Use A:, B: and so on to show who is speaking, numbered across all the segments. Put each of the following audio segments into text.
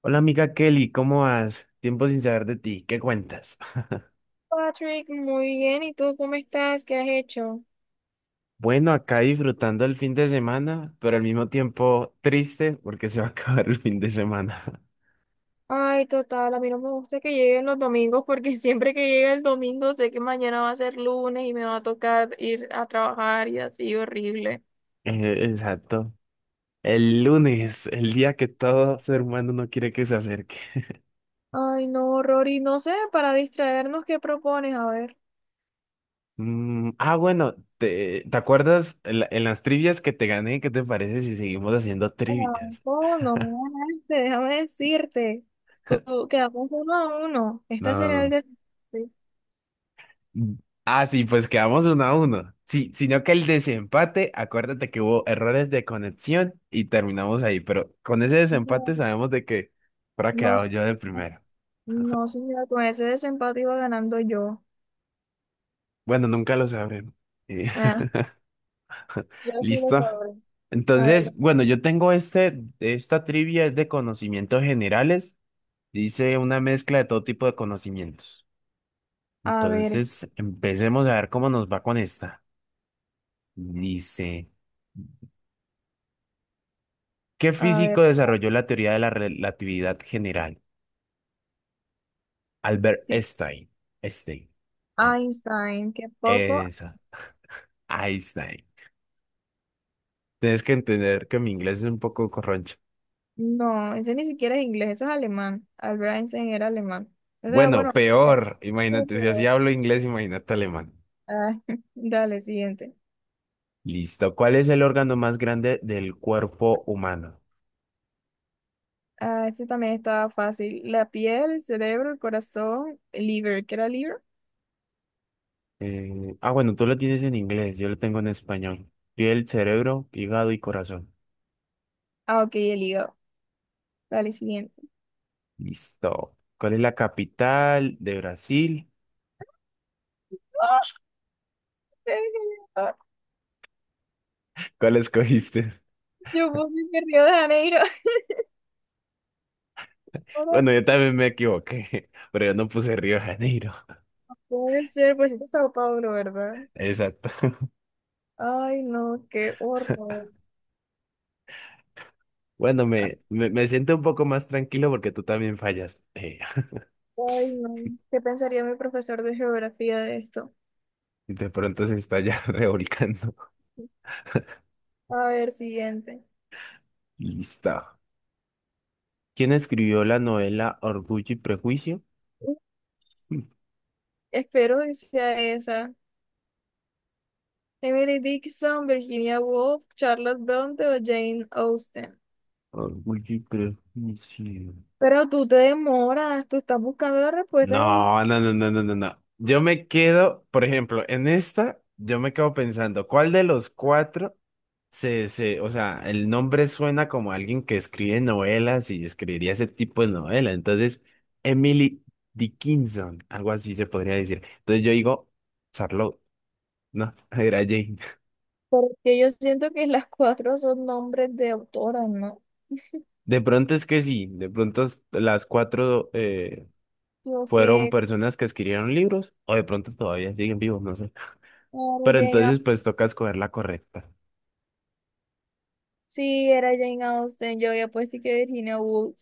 A: Hola amiga Kelly, ¿cómo vas? Tiempo sin saber de ti, ¿qué cuentas?
B: Patrick, muy bien. ¿Y tú cómo estás? ¿Qué has hecho?
A: Bueno, acá disfrutando el fin de semana, pero al mismo tiempo triste porque se va a acabar el fin de semana.
B: Ay, total, a mí no me gusta que lleguen los domingos porque siempre que llega el domingo sé que mañana va a ser lunes y me va a tocar ir a trabajar y así horrible.
A: Exacto. El lunes, el día que todo ser humano no quiere que se acerque.
B: Ay, no, Rory, no sé, para distraernos, ¿qué propones? A ver.
A: Bueno, ¿te acuerdas en, en las trivias que te gané? ¿Qué te parece si seguimos haciendo trivias?
B: No, no me ganaste, déjame decirte. Quedamos 1-1.
A: No,
B: Este
A: no,
B: sería el
A: no.
B: desempate.
A: Ah, sí, pues quedamos uno a uno. Sí, sino que el desempate, acuérdate que hubo errores de conexión y terminamos ahí, pero con ese
B: No,
A: desempate sabemos de que habrá
B: no,
A: quedado yo de primero.
B: no, señora, con ese desempate iba ganando yo.
A: Bueno, nunca lo sabremos. Eh,
B: Ah, yo sí lo
A: ¿listo?
B: sabré. A
A: Entonces,
B: ver,
A: bueno, yo tengo esta trivia es de conocimientos generales. Dice una mezcla de todo tipo de conocimientos.
B: a ver,
A: Entonces, empecemos a ver cómo nos va con esta. Dice, ¿qué
B: a
A: físico
B: ver.
A: desarrolló la teoría de la relatividad general? Albert
B: Sí,
A: Einstein. Einstein. Es-
B: Einstein, qué poco.
A: Esa. Einstein. Tienes que entender que mi inglés es un poco corroncho.
B: No, ese ni siquiera es inglés, eso es alemán. Albert Einstein era alemán. O sea,
A: Bueno,
B: bueno, sí,
A: peor. Imagínate, si así
B: pero-
A: hablo inglés, imagínate alemán.
B: ah, dale, siguiente.
A: Listo. ¿Cuál es el órgano más grande del cuerpo humano?
B: Ah, ese también estaba fácil. La piel, el cerebro, el corazón, el liver. ¿Qué era liver?
A: Bueno, tú lo tienes en inglés, yo lo tengo en español. Piel, cerebro, hígado y corazón.
B: Ah, ok, el hígado. Dale, siguiente.
A: Listo. ¿Cuál es la capital de Brasil?
B: ¡Ah!
A: ¿Cuál escogiste?
B: Yo puse que Río de Janeiro. Ahora
A: Bueno, yo también me equivoqué, pero yo no puse Río de Janeiro.
B: puede ser, pues es Sao Paulo, ¿verdad?
A: Exacto.
B: Ay, no, qué horror.
A: Bueno, me siento un poco más tranquilo porque tú también fallas.
B: Ay, no. ¿Qué pensaría mi profesor de geografía de esto?
A: Y de pronto se está ya revolcando.
B: A ver, siguiente.
A: Listo. ¿Quién escribió la novela Orgullo y Prejuicio?
B: Espero que sea esa. Emily Dickinson, Virginia Woolf, Charlotte Bronte o Jane Austen.
A: Orgullo y Prejuicio.
B: Pero tú te demoras, tú estás buscando la respuesta en el.
A: No, no, no, no, no, no, no. Yo me quedo, por ejemplo, en esta, yo me quedo pensando, ¿cuál de los cuatro? O sea, el nombre suena como alguien que escribe novelas y escribiría ese tipo de novela. Entonces, Emily Dickinson, algo así se podría decir. Entonces yo digo, Charlotte, no, era Jane.
B: Porque yo siento que las cuatro son nombres de autoras, ¿no?
A: De pronto es que sí, de pronto las cuatro
B: Yo
A: fueron
B: que,
A: personas que escribieron libros, o de pronto todavía siguen vivos, no sé.
B: claro,
A: Pero
B: Jane...
A: entonces,
B: Au-
A: pues toca escoger la correcta.
B: Sí, era Jane Austen, yo ya pues sí que Virginia Woolf.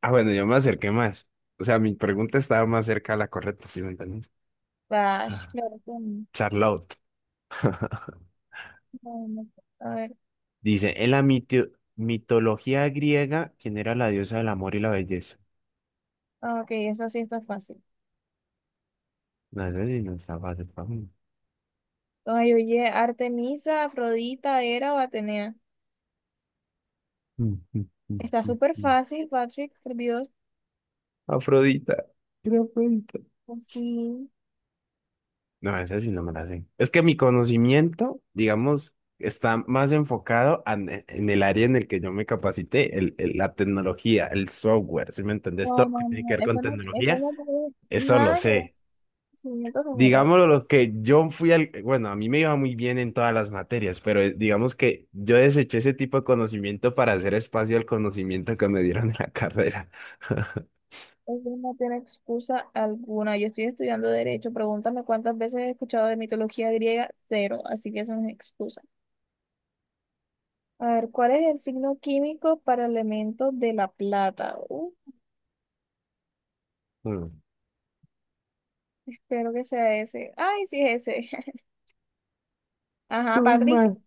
A: Ah, bueno, yo me acerqué más. O sea, ¿mi pregunta estaba más cerca a la correcta, si me entiendes?
B: Bash, claro que no.
A: Charlotte.
B: No, no. A ver,
A: Dice, en la mitología griega, ¿quién era la diosa del amor y la belleza?
B: ah, ok, esa sí está fácil.
A: No, eso sí no está fácil para mí.
B: Ay, oye, Artemisa, Afrodita, Hera o Atenea.
A: Mm, mm, mm,
B: Está
A: mm,
B: súper
A: mm.
B: fácil, Patrick, por Dios.
A: Afrodita. Era Afrodita.
B: Sí.
A: No, esa sí no me la sé. Es que mi conocimiento, digamos, está más enfocado en el área en el que yo me capacité, la tecnología, el software, ¿sí me entendés? Todo
B: No,
A: lo que
B: no,
A: tiene que
B: no.
A: ver con
B: Eso no, eso
A: tecnología,
B: no tiene
A: eso lo
B: nada que ver con
A: sé.
B: conocimiento general.
A: Digámoslo, lo que yo fui al, bueno, a mí me iba muy bien en todas las materias, pero digamos que yo deseché ese tipo de conocimiento para hacer espacio al conocimiento que me dieron en la carrera.
B: Eso no tiene excusa alguna. Yo estoy estudiando derecho. Pregúntame cuántas veces he escuchado de mitología griega, cero. Así que eso no es excusa. A ver, ¿cuál es el signo químico para el elemento de la plata?
A: Mm.
B: Espero que sea ese. Ay, sí es ese. Ajá,
A: Muy
B: Patrick.
A: mal.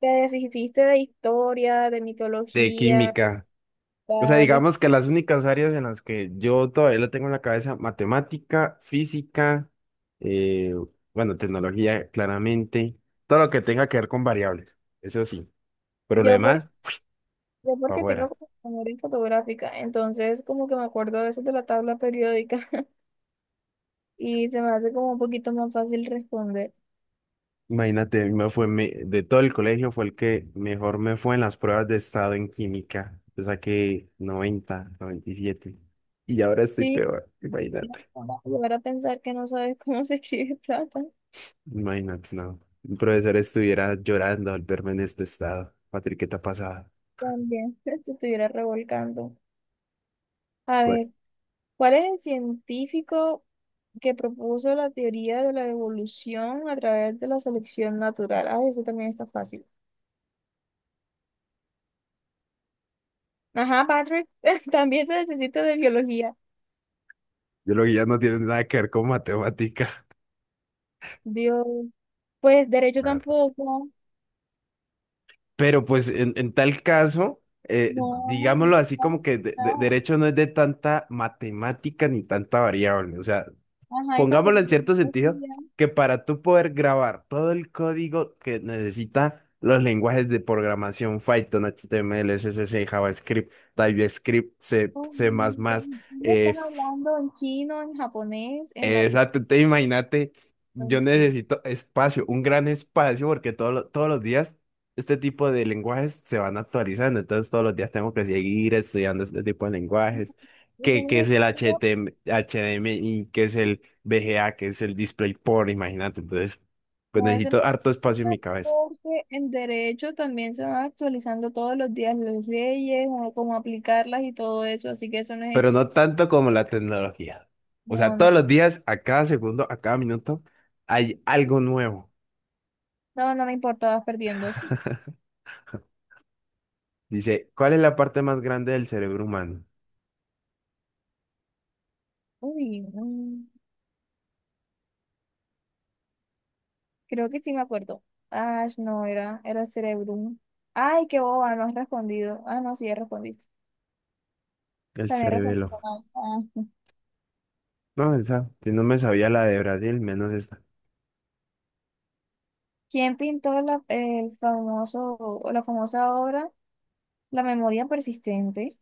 B: Te deshiciste de historia, de
A: De
B: mitología,
A: química. O sea,
B: ta- de-
A: digamos que las únicas áreas en las que yo todavía lo tengo en la cabeza, matemática, física, eh, bueno, tecnología, claramente, todo lo que tenga que ver con variables, eso sí, pero lo
B: Yo, por,
A: demás,
B: yo
A: para
B: porque tengo
A: afuera.
B: como memoria fotográfica, entonces como que me acuerdo a veces de la tabla periódica y se me hace como un poquito más fácil responder.
A: Imagínate, a mí de todo el colegio fue el que mejor me fue en las pruebas de estado en química. Yo saqué 90, 97. Y siete. Y ahora estoy
B: Sí,
A: peor. Imagínate.
B: ahora a pensar que no sabes cómo se escribe plata,
A: Imagínate, no. Un profesor estuviera llorando al verme en este estado. Patrick, ¿qué te ha pasado?
B: también te estuviera revolcando. A
A: Bueno,
B: ver, ¿cuál es el científico que propuso la teoría de la evolución a través de la selección natural? Ah, eso también está fácil. Ajá, Patrick, también se necesita de biología.
A: yo lo que ya no tiene nada que ver con matemática,
B: Dios, pues derecho
A: la verdad.
B: tampoco.
A: Pero pues en tal caso,
B: No,
A: digámoslo así como
B: no,
A: que
B: no.
A: derecho no es de tanta matemática ni tanta variable. O sea,
B: Ajá, y tampoco
A: pongámoslo
B: es
A: en
B: de
A: cierto sentido,
B: biología.
A: que para tú poder grabar todo el código que necesita los lenguajes de programación, Python, H T M L, C, HTML, CSS, JavaScript, TypeScript, C,
B: No,
A: C++,
B: no, no, no. No. Me
A: eh,
B: están hablando en chino, en japonés, en latín,
A: exacto, te imagínate,
B: en
A: yo
B: chino.
A: necesito espacio, un gran espacio, porque todos los días este tipo de lenguajes se van actualizando, entonces todos los días tengo que seguir estudiando este tipo de lenguajes,
B: Eso no
A: que es
B: es
A: el
B: excusa,
A: HDMI, que es el VGA, que es el DisplayPort, imagínate, entonces pues
B: no es una
A: necesito harto espacio
B: excusa,
A: en mi cabeza,
B: porque en derecho también se van actualizando todos los días las leyes, o cómo aplicarlas y todo eso, así que eso no es
A: pero
B: ex-
A: no tanto como la tecnología. O
B: No,
A: sea,
B: no,
A: todos los días, a cada segundo, a cada minuto, hay algo nuevo.
B: no, no me importa, vas perdiendo. Sí.
A: Dice, ¿cuál es la parte más grande del cerebro humano?
B: Uy, no. Creo que sí me acuerdo. Ah, no, era Cerebrum. Ay, qué boba, no has respondido. Ah, no, sí, ya respondiste.
A: El
B: También respondiste
A: cerebelo.
B: mal. Ah. Sí.
A: No, esa, si no me sabía la de Brasil, menos esta.
B: ¿Quién pintó la, el famoso, o la famosa obra La memoria persistente?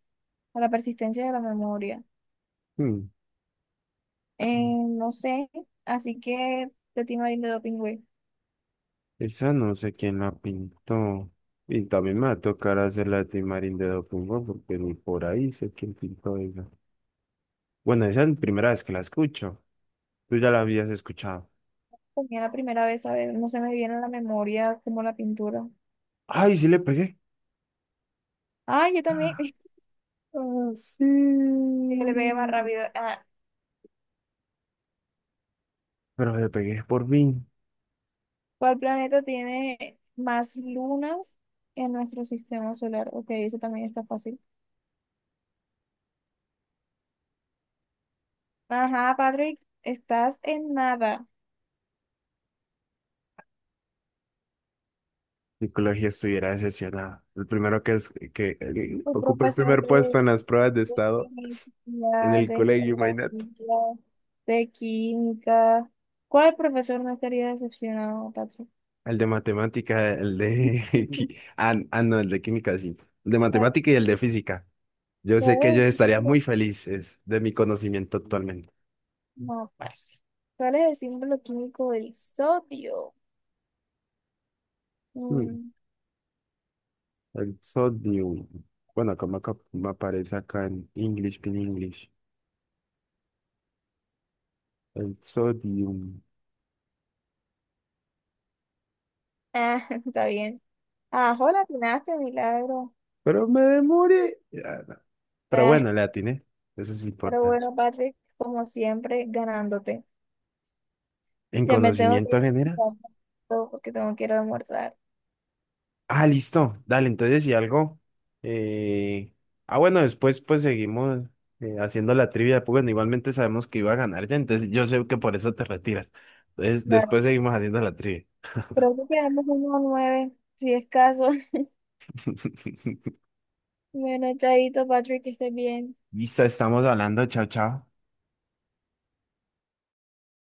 B: O la persistencia de la memoria.
A: Hmm,
B: No sé, así que de ti, Marín de Doping, güey.
A: Esa no sé quién la pintó. Y también me va a tocar hacer la de Timarín de Documbo porque ni por ahí sé quién pintó esa. Bueno, esa es la primera vez que la escucho. Tú ya la habías escuchado.
B: Tenía la primera vez, a ver, no se me viene a la memoria como la pintura.
A: ¡Ay, sí le pegué!
B: Ay, yo también.
A: ¡Ah, sí!
B: Yo le pegué más rápido. Ah,
A: Pero le pegué por fin.
B: ¿cuál planeta tiene más lunas en nuestro sistema solar? Ok, eso también está fácil. Ajá, Patrick, estás en nada.
A: Psicología estuviera decepcionada. El primero que es que
B: Tu
A: ocupa el
B: profesor
A: primer
B: de,
A: puesto en las pruebas de
B: de
A: estado en
B: física,
A: el
B: de
A: colegio, imagínate.
B: geografía, de química. ¿Cuál profesor no estaría decepcionado, Patrick?
A: El de matemática, el de no, el de química, sí. El de
B: A
A: matemática y el de física. Yo sé
B: ¿Cuál
A: que ellos
B: es el
A: estarían muy
B: símbolo?
A: felices de mi conocimiento actualmente.
B: No, pues. ¿Cuál es el símbolo químico del sodio?
A: Mm,
B: Mm,
A: El sodium. Bueno, como acá me aparece acá en English, en English. El sodium.
B: Está bien. Ah, hola, atinaste, milagro.
A: Pero me demoré. Ya, no. Pero
B: Ah,
A: bueno, le atiné. Eso es
B: Pero
A: importante.
B: bueno, Patrick, como siempre, ganándote.
A: En
B: Ya me tengo que
A: conocimiento
B: ir
A: general.
B: todo porque tengo que ir a almorzar.
A: Ah, listo. Dale, entonces si algo. eh, Ah, bueno, después pues seguimos haciendo la trivia. Pues, bueno, igualmente sabemos que iba a ganar ya, entonces yo sé que por eso te retiras. Entonces
B: Claro.
A: después seguimos haciendo la trivia.
B: Creo que quedamos 1-9, si es caso. Bueno, chaito, Patrick, que estés bien.
A: Listo, estamos hablando. Chao, chao.